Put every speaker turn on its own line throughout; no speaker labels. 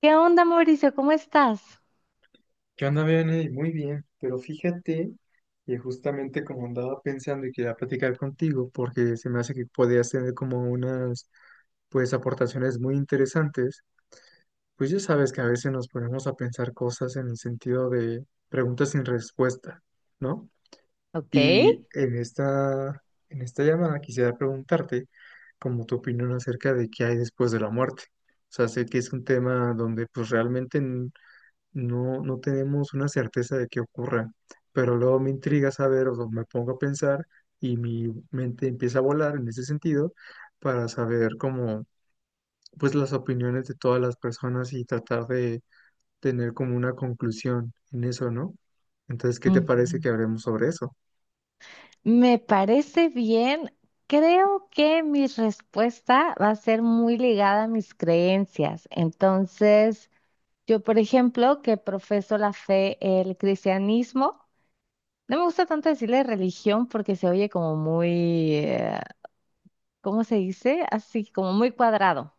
¿Qué onda, Mauricio? ¿Cómo estás?
¿Qué onda, Vianey? Muy bien, pero fíjate que justamente como andaba pensando y quería platicar contigo, porque se me hace que podías tener como unas, pues, aportaciones muy interesantes. Pues ya sabes que a veces nos ponemos a pensar cosas en el sentido de preguntas sin respuesta, ¿no?
Ok.
Y en esta llamada quisiera preguntarte como tu opinión acerca de qué hay después de la muerte. O sea, sé que es un tema donde pues realmente no, no tenemos una certeza de qué ocurra, pero luego me intriga saber. O sea, me pongo a pensar y mi mente empieza a volar en ese sentido para saber como, pues, las opiniones de todas las personas y tratar de tener como una conclusión en eso, ¿no? Entonces, ¿qué te
Ujú.
parece que hablemos sobre eso?
Me parece bien. Creo que mi respuesta va a ser muy ligada a mis creencias. Entonces, yo, por ejemplo, que profeso la fe, el cristianismo, no me gusta tanto decirle religión porque se oye como muy, ¿cómo se dice? Así, como muy cuadrado.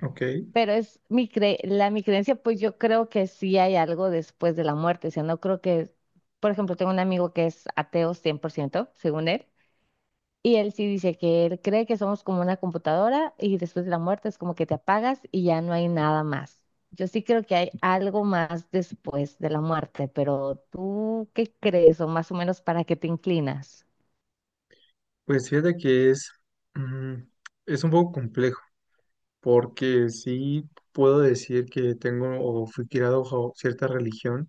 Ok,
Pero es mi cre la mi creencia, pues yo creo que sí hay algo después de la muerte, o sea, no creo que, por ejemplo, tengo un amigo que es ateo 100% según él, y él sí dice que él cree que somos como una computadora y después de la muerte es como que te apagas y ya no hay nada más. Yo sí creo que hay algo más después de la muerte, pero ¿tú qué crees o más o menos para qué te inclinas?
pues fíjate que es, mm, es un poco complejo porque sí puedo decir que tengo o fui criado bajo cierta religión,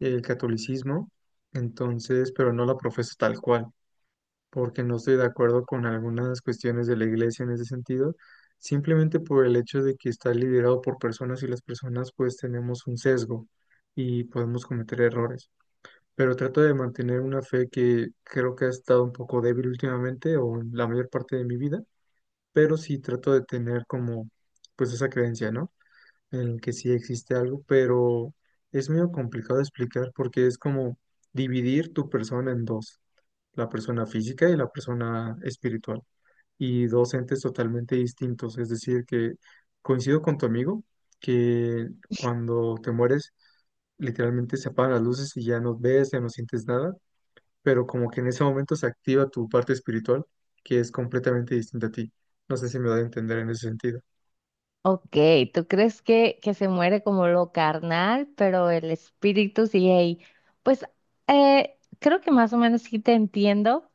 el catolicismo. Entonces, pero no la profeso tal cual, porque no estoy de acuerdo con algunas cuestiones de la iglesia en ese sentido, simplemente por el hecho de que está liderado por personas y las personas pues tenemos un sesgo y podemos cometer errores, pero trato de mantener una fe que creo que ha estado un poco débil últimamente o en la mayor parte de mi vida, pero sí trato de tener como pues esa creencia, ¿no? En el que sí existe algo, pero es medio complicado de explicar porque es como dividir tu persona en dos, la persona física y la persona espiritual, y dos entes totalmente distintos. Es decir, que coincido con tu amigo que cuando te mueres literalmente se apagan las luces y ya no ves, ya no sientes nada, pero como que en ese momento se activa tu parte espiritual, que es completamente distinta a ti. No sé si me da a entender en ese sentido.
Ok, ¿tú crees que se muere como lo carnal, pero el espíritu sigue ahí? Pues creo que más o menos sí te entiendo.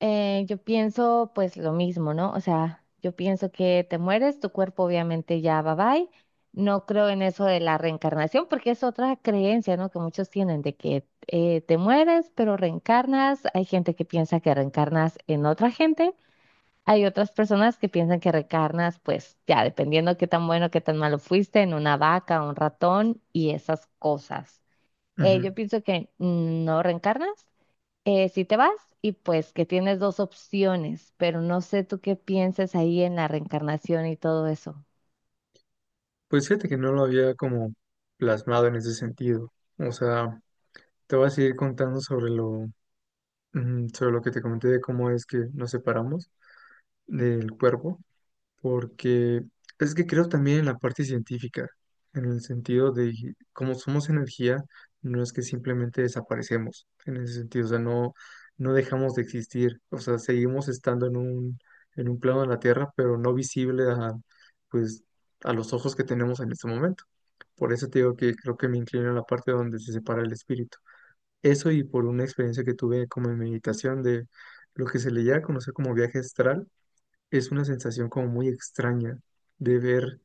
Yo pienso pues lo mismo, ¿no? O sea, yo pienso que te mueres, tu cuerpo obviamente ya va bye. No creo en eso de la reencarnación porque es otra creencia, ¿no? Que muchos tienen de que te mueres, pero reencarnas. Hay gente que piensa que reencarnas en otra gente. Hay otras personas que piensan que reencarnas, pues ya dependiendo qué tan bueno, qué tan malo fuiste, en una vaca, un ratón y esas cosas. Yo
Ujú.
pienso que no reencarnas, si te vas y pues que tienes dos opciones, pero no sé tú qué pienses ahí en la reencarnación y todo eso.
Pues fíjate que no lo había como plasmado en ese sentido. O sea, te voy a seguir contando sobre lo, sobre lo que te comenté de cómo es que nos separamos del cuerpo. Porque es que creo también en la parte científica, en el sentido de como somos energía, no es que simplemente desaparecemos, en ese sentido. O sea, no, no dejamos de existir, o sea, seguimos estando en un plano de la Tierra, pero no visible a, pues, a los ojos que tenemos en este momento. Por eso te digo que creo que me inclino a la parte donde se separa el espíritu. Eso y por una experiencia que tuve como en meditación de lo que se le llega a conocer como viaje astral. Es una sensación como muy extraña de ver,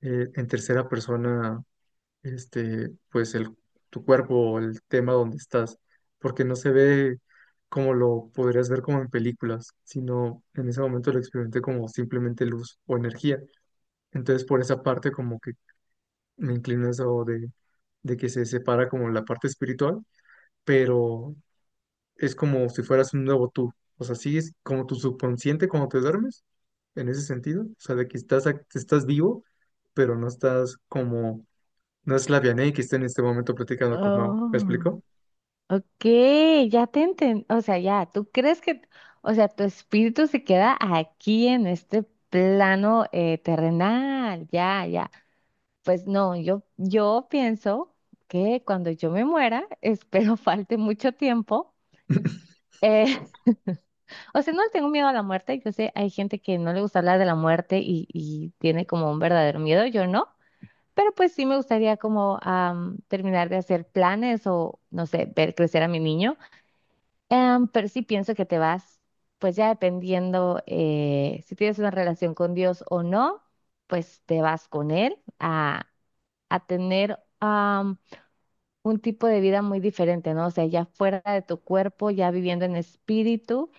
en tercera persona, pues el, tu cuerpo, o el tema donde estás, porque no se ve como lo podrías ver como en películas, sino en ese momento lo experimenté como simplemente luz o energía. Entonces por esa parte como que me inclino a eso de que se separa como la parte espiritual, pero es como si fueras un nuevo tú. O sea, sí es como tu subconsciente cuando te duermes, en ese sentido. O sea, de que estás, estás vivo, pero no estás como, no es la Vianey que está en este momento platicando con Mao. ¿Me
Oh,
explico?
ok, ya te enten, o sea, ya, tú crees que, o sea, tu espíritu se queda aquí en este plano terrenal, ya, ya. Pues no, yo pienso que cuando yo me muera, espero falte mucho tiempo. eh, o sea, no le tengo miedo a la muerte. Yo sé, hay gente que no le gusta hablar de la muerte y tiene como un verdadero miedo, yo no. Pero pues sí me gustaría como terminar de hacer planes o, no sé, ver crecer a mi niño. Pero sí pienso que te vas, pues ya dependiendo si tienes una relación con Dios o no, pues te vas con él a tener un tipo de vida muy diferente, ¿no? O sea, ya fuera de tu cuerpo, ya viviendo en espíritu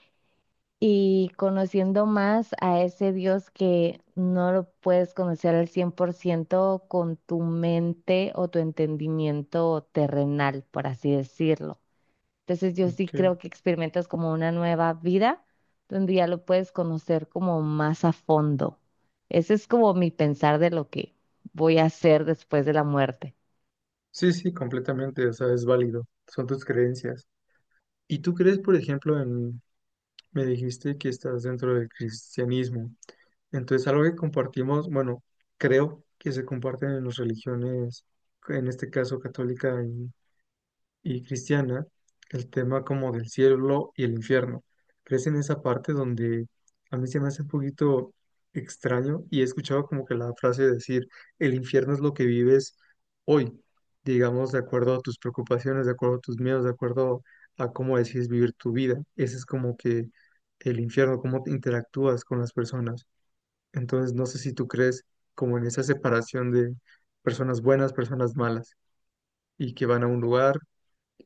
y conociendo más a ese Dios que no lo puedes conocer al 100% con tu mente o tu entendimiento terrenal, por así decirlo. Entonces yo sí
Ok.
creo que experimentas como una nueva vida donde ya lo puedes conocer como más a fondo. Ese es como mi pensar de lo que voy a hacer después de la muerte.
Sí, sí, completamente. O sea, es válido. Son tus creencias. ¿Y tú crees, por ejemplo, en, me dijiste que estás dentro del cristianismo? Entonces, algo que compartimos, bueno, creo que se comparten en las religiones, en este caso católica y cristiana, el tema como del cielo y el infierno. ¿Crees en esa parte donde a mí se me hace un poquito extraño y he escuchado como que la frase de decir, el infierno es lo que vives hoy, digamos, de acuerdo a tus preocupaciones, de acuerdo a tus miedos, de acuerdo a cómo decides vivir tu vida? Ese es como que el infierno, cómo te interactúas con las personas. Entonces, no sé si tú crees como en esa separación de personas buenas, personas malas, y que van a un lugar.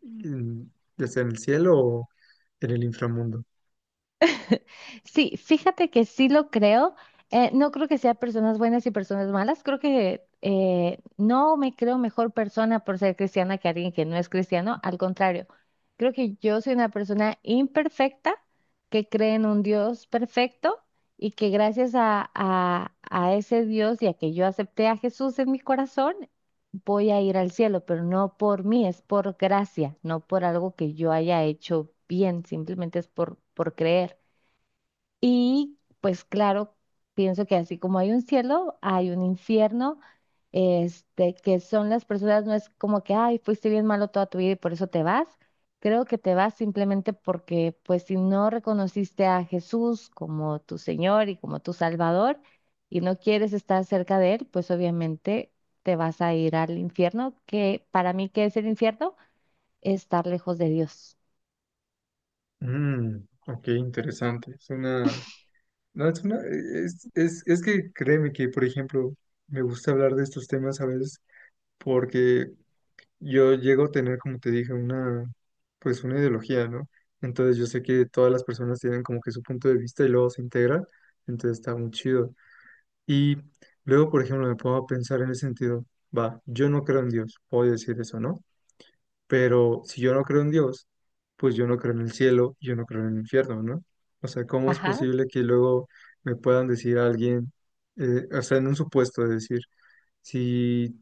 Mm, ¿Ya sea en el cielo o en el inframundo?
Sí, fíjate que sí lo creo. No creo que sea personas buenas y personas malas. Creo que no me creo mejor persona por ser cristiana que alguien que no es cristiano. Al contrario, creo que yo soy una persona imperfecta que cree en un Dios perfecto y que gracias a ese Dios y a que yo acepté a Jesús en mi corazón, voy a ir al cielo, pero no por mí, es por gracia, no por algo que yo haya hecho bien, simplemente es por creer. Y pues claro, pienso que así como hay un cielo, hay un infierno, este, que son las personas, no es como que, ay, fuiste bien malo toda tu vida y por eso te vas. Creo que te vas simplemente porque, pues si no reconociste a Jesús como tu Señor y como tu Salvador y no quieres estar cerca de Él, pues obviamente te vas a ir al infierno, que para mí, ¿qué es el infierno? Estar lejos de Dios.
Mm, ok, interesante. Es una... No, es una... es que créeme que, por ejemplo, me gusta hablar de estos temas a veces porque yo llego a tener, como te dije, una... pues una ideología, ¿no? Entonces yo sé que todas las personas tienen como que su punto de vista y luego se integran, entonces está muy chido. Y luego, por ejemplo, me pongo a pensar en el sentido, va, yo no creo en Dios, puedo decir eso, ¿no? Pero si yo no creo en Dios, pues yo no creo en el cielo, yo no creo en el infierno, ¿no? O sea, ¿cómo es
Ajá.
posible que luego me puedan decir a alguien, o sea, en un supuesto de decir, si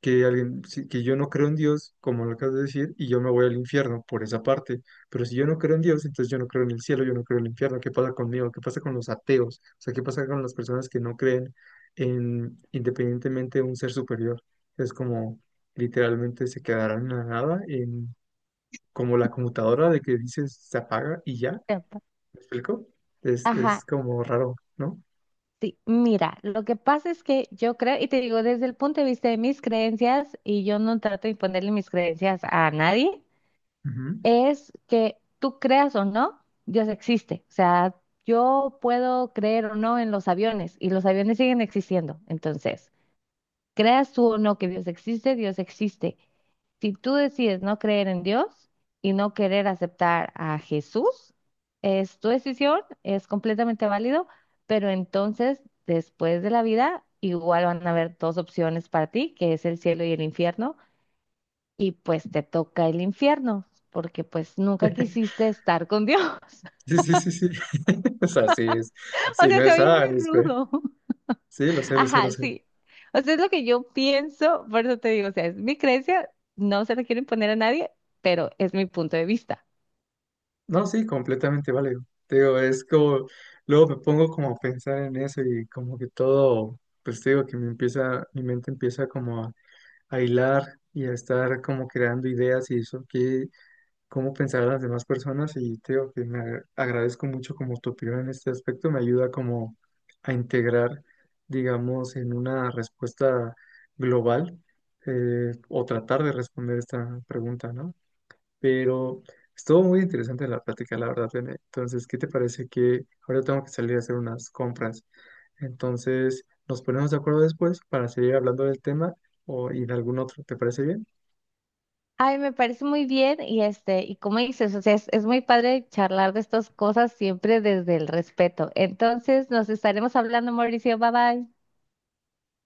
que yo no creo en Dios, como lo acabas de decir, y yo me voy al infierno por esa parte, pero si yo no creo en Dios, entonces yo no creo en el cielo, yo no creo en el infierno, ¿qué pasa conmigo? ¿Qué pasa con los ateos? O sea, ¿qué pasa con las personas que no creen en independientemente de un ser superior? Es como literalmente se quedarán en la nada, en como la computadora de que dices se apaga y ya, ¿me
Epa.
explico?
Ajá,
Es como raro, ¿no?
sí, mira, lo que pasa es que yo creo, y te digo, desde el punto de vista de mis creencias, y yo no trato de imponerle mis creencias a nadie,
Ujú.
es que tú creas o no, Dios existe. O sea, yo puedo creer o no en los aviones, y los aviones siguen existiendo. Entonces, creas tú o no que Dios existe, Dios existe. Si tú decides no creer en Dios y no querer aceptar a Jesús, es tu decisión, es completamente válido, pero entonces después de la vida igual van a haber dos opciones para ti, que es el cielo y el infierno, y pues te toca el infierno, porque pues nunca quisiste estar con Dios.
Sí, sí, sí, sí. O sea, sí, es,
O
sí, no
sea, se
es,
oye muy rudo.
sí, lo sé, lo sé, lo
Ajá,
sé.
sí. O sea, es lo que yo pienso, por eso te digo, o sea, es mi creencia, no se la quiero imponer a nadie, pero es mi punto de vista.
No, sí, completamente válido. Te digo, es como, luego me pongo como a pensar en eso y como que todo, pues te digo que me empieza, mi mente empieza como a hilar y a estar como creando ideas y eso, que cómo pensar a las demás personas y te digo que me agradezco mucho como tu opinión en este aspecto, me ayuda como a integrar, digamos, en una respuesta global, o tratar de responder esta pregunta, ¿no? Pero estuvo muy interesante la plática, la verdad, Bene. Entonces, ¿qué te parece que ahora tengo que salir a hacer unas compras? Entonces, nos ponemos de acuerdo después para seguir hablando del tema o y de algún otro, ¿te parece bien?
Ay, me parece muy bien y este, y como dices, o sea, es muy padre charlar de estas cosas siempre desde el respeto. Entonces, nos estaremos hablando, Mauricio, bye bye.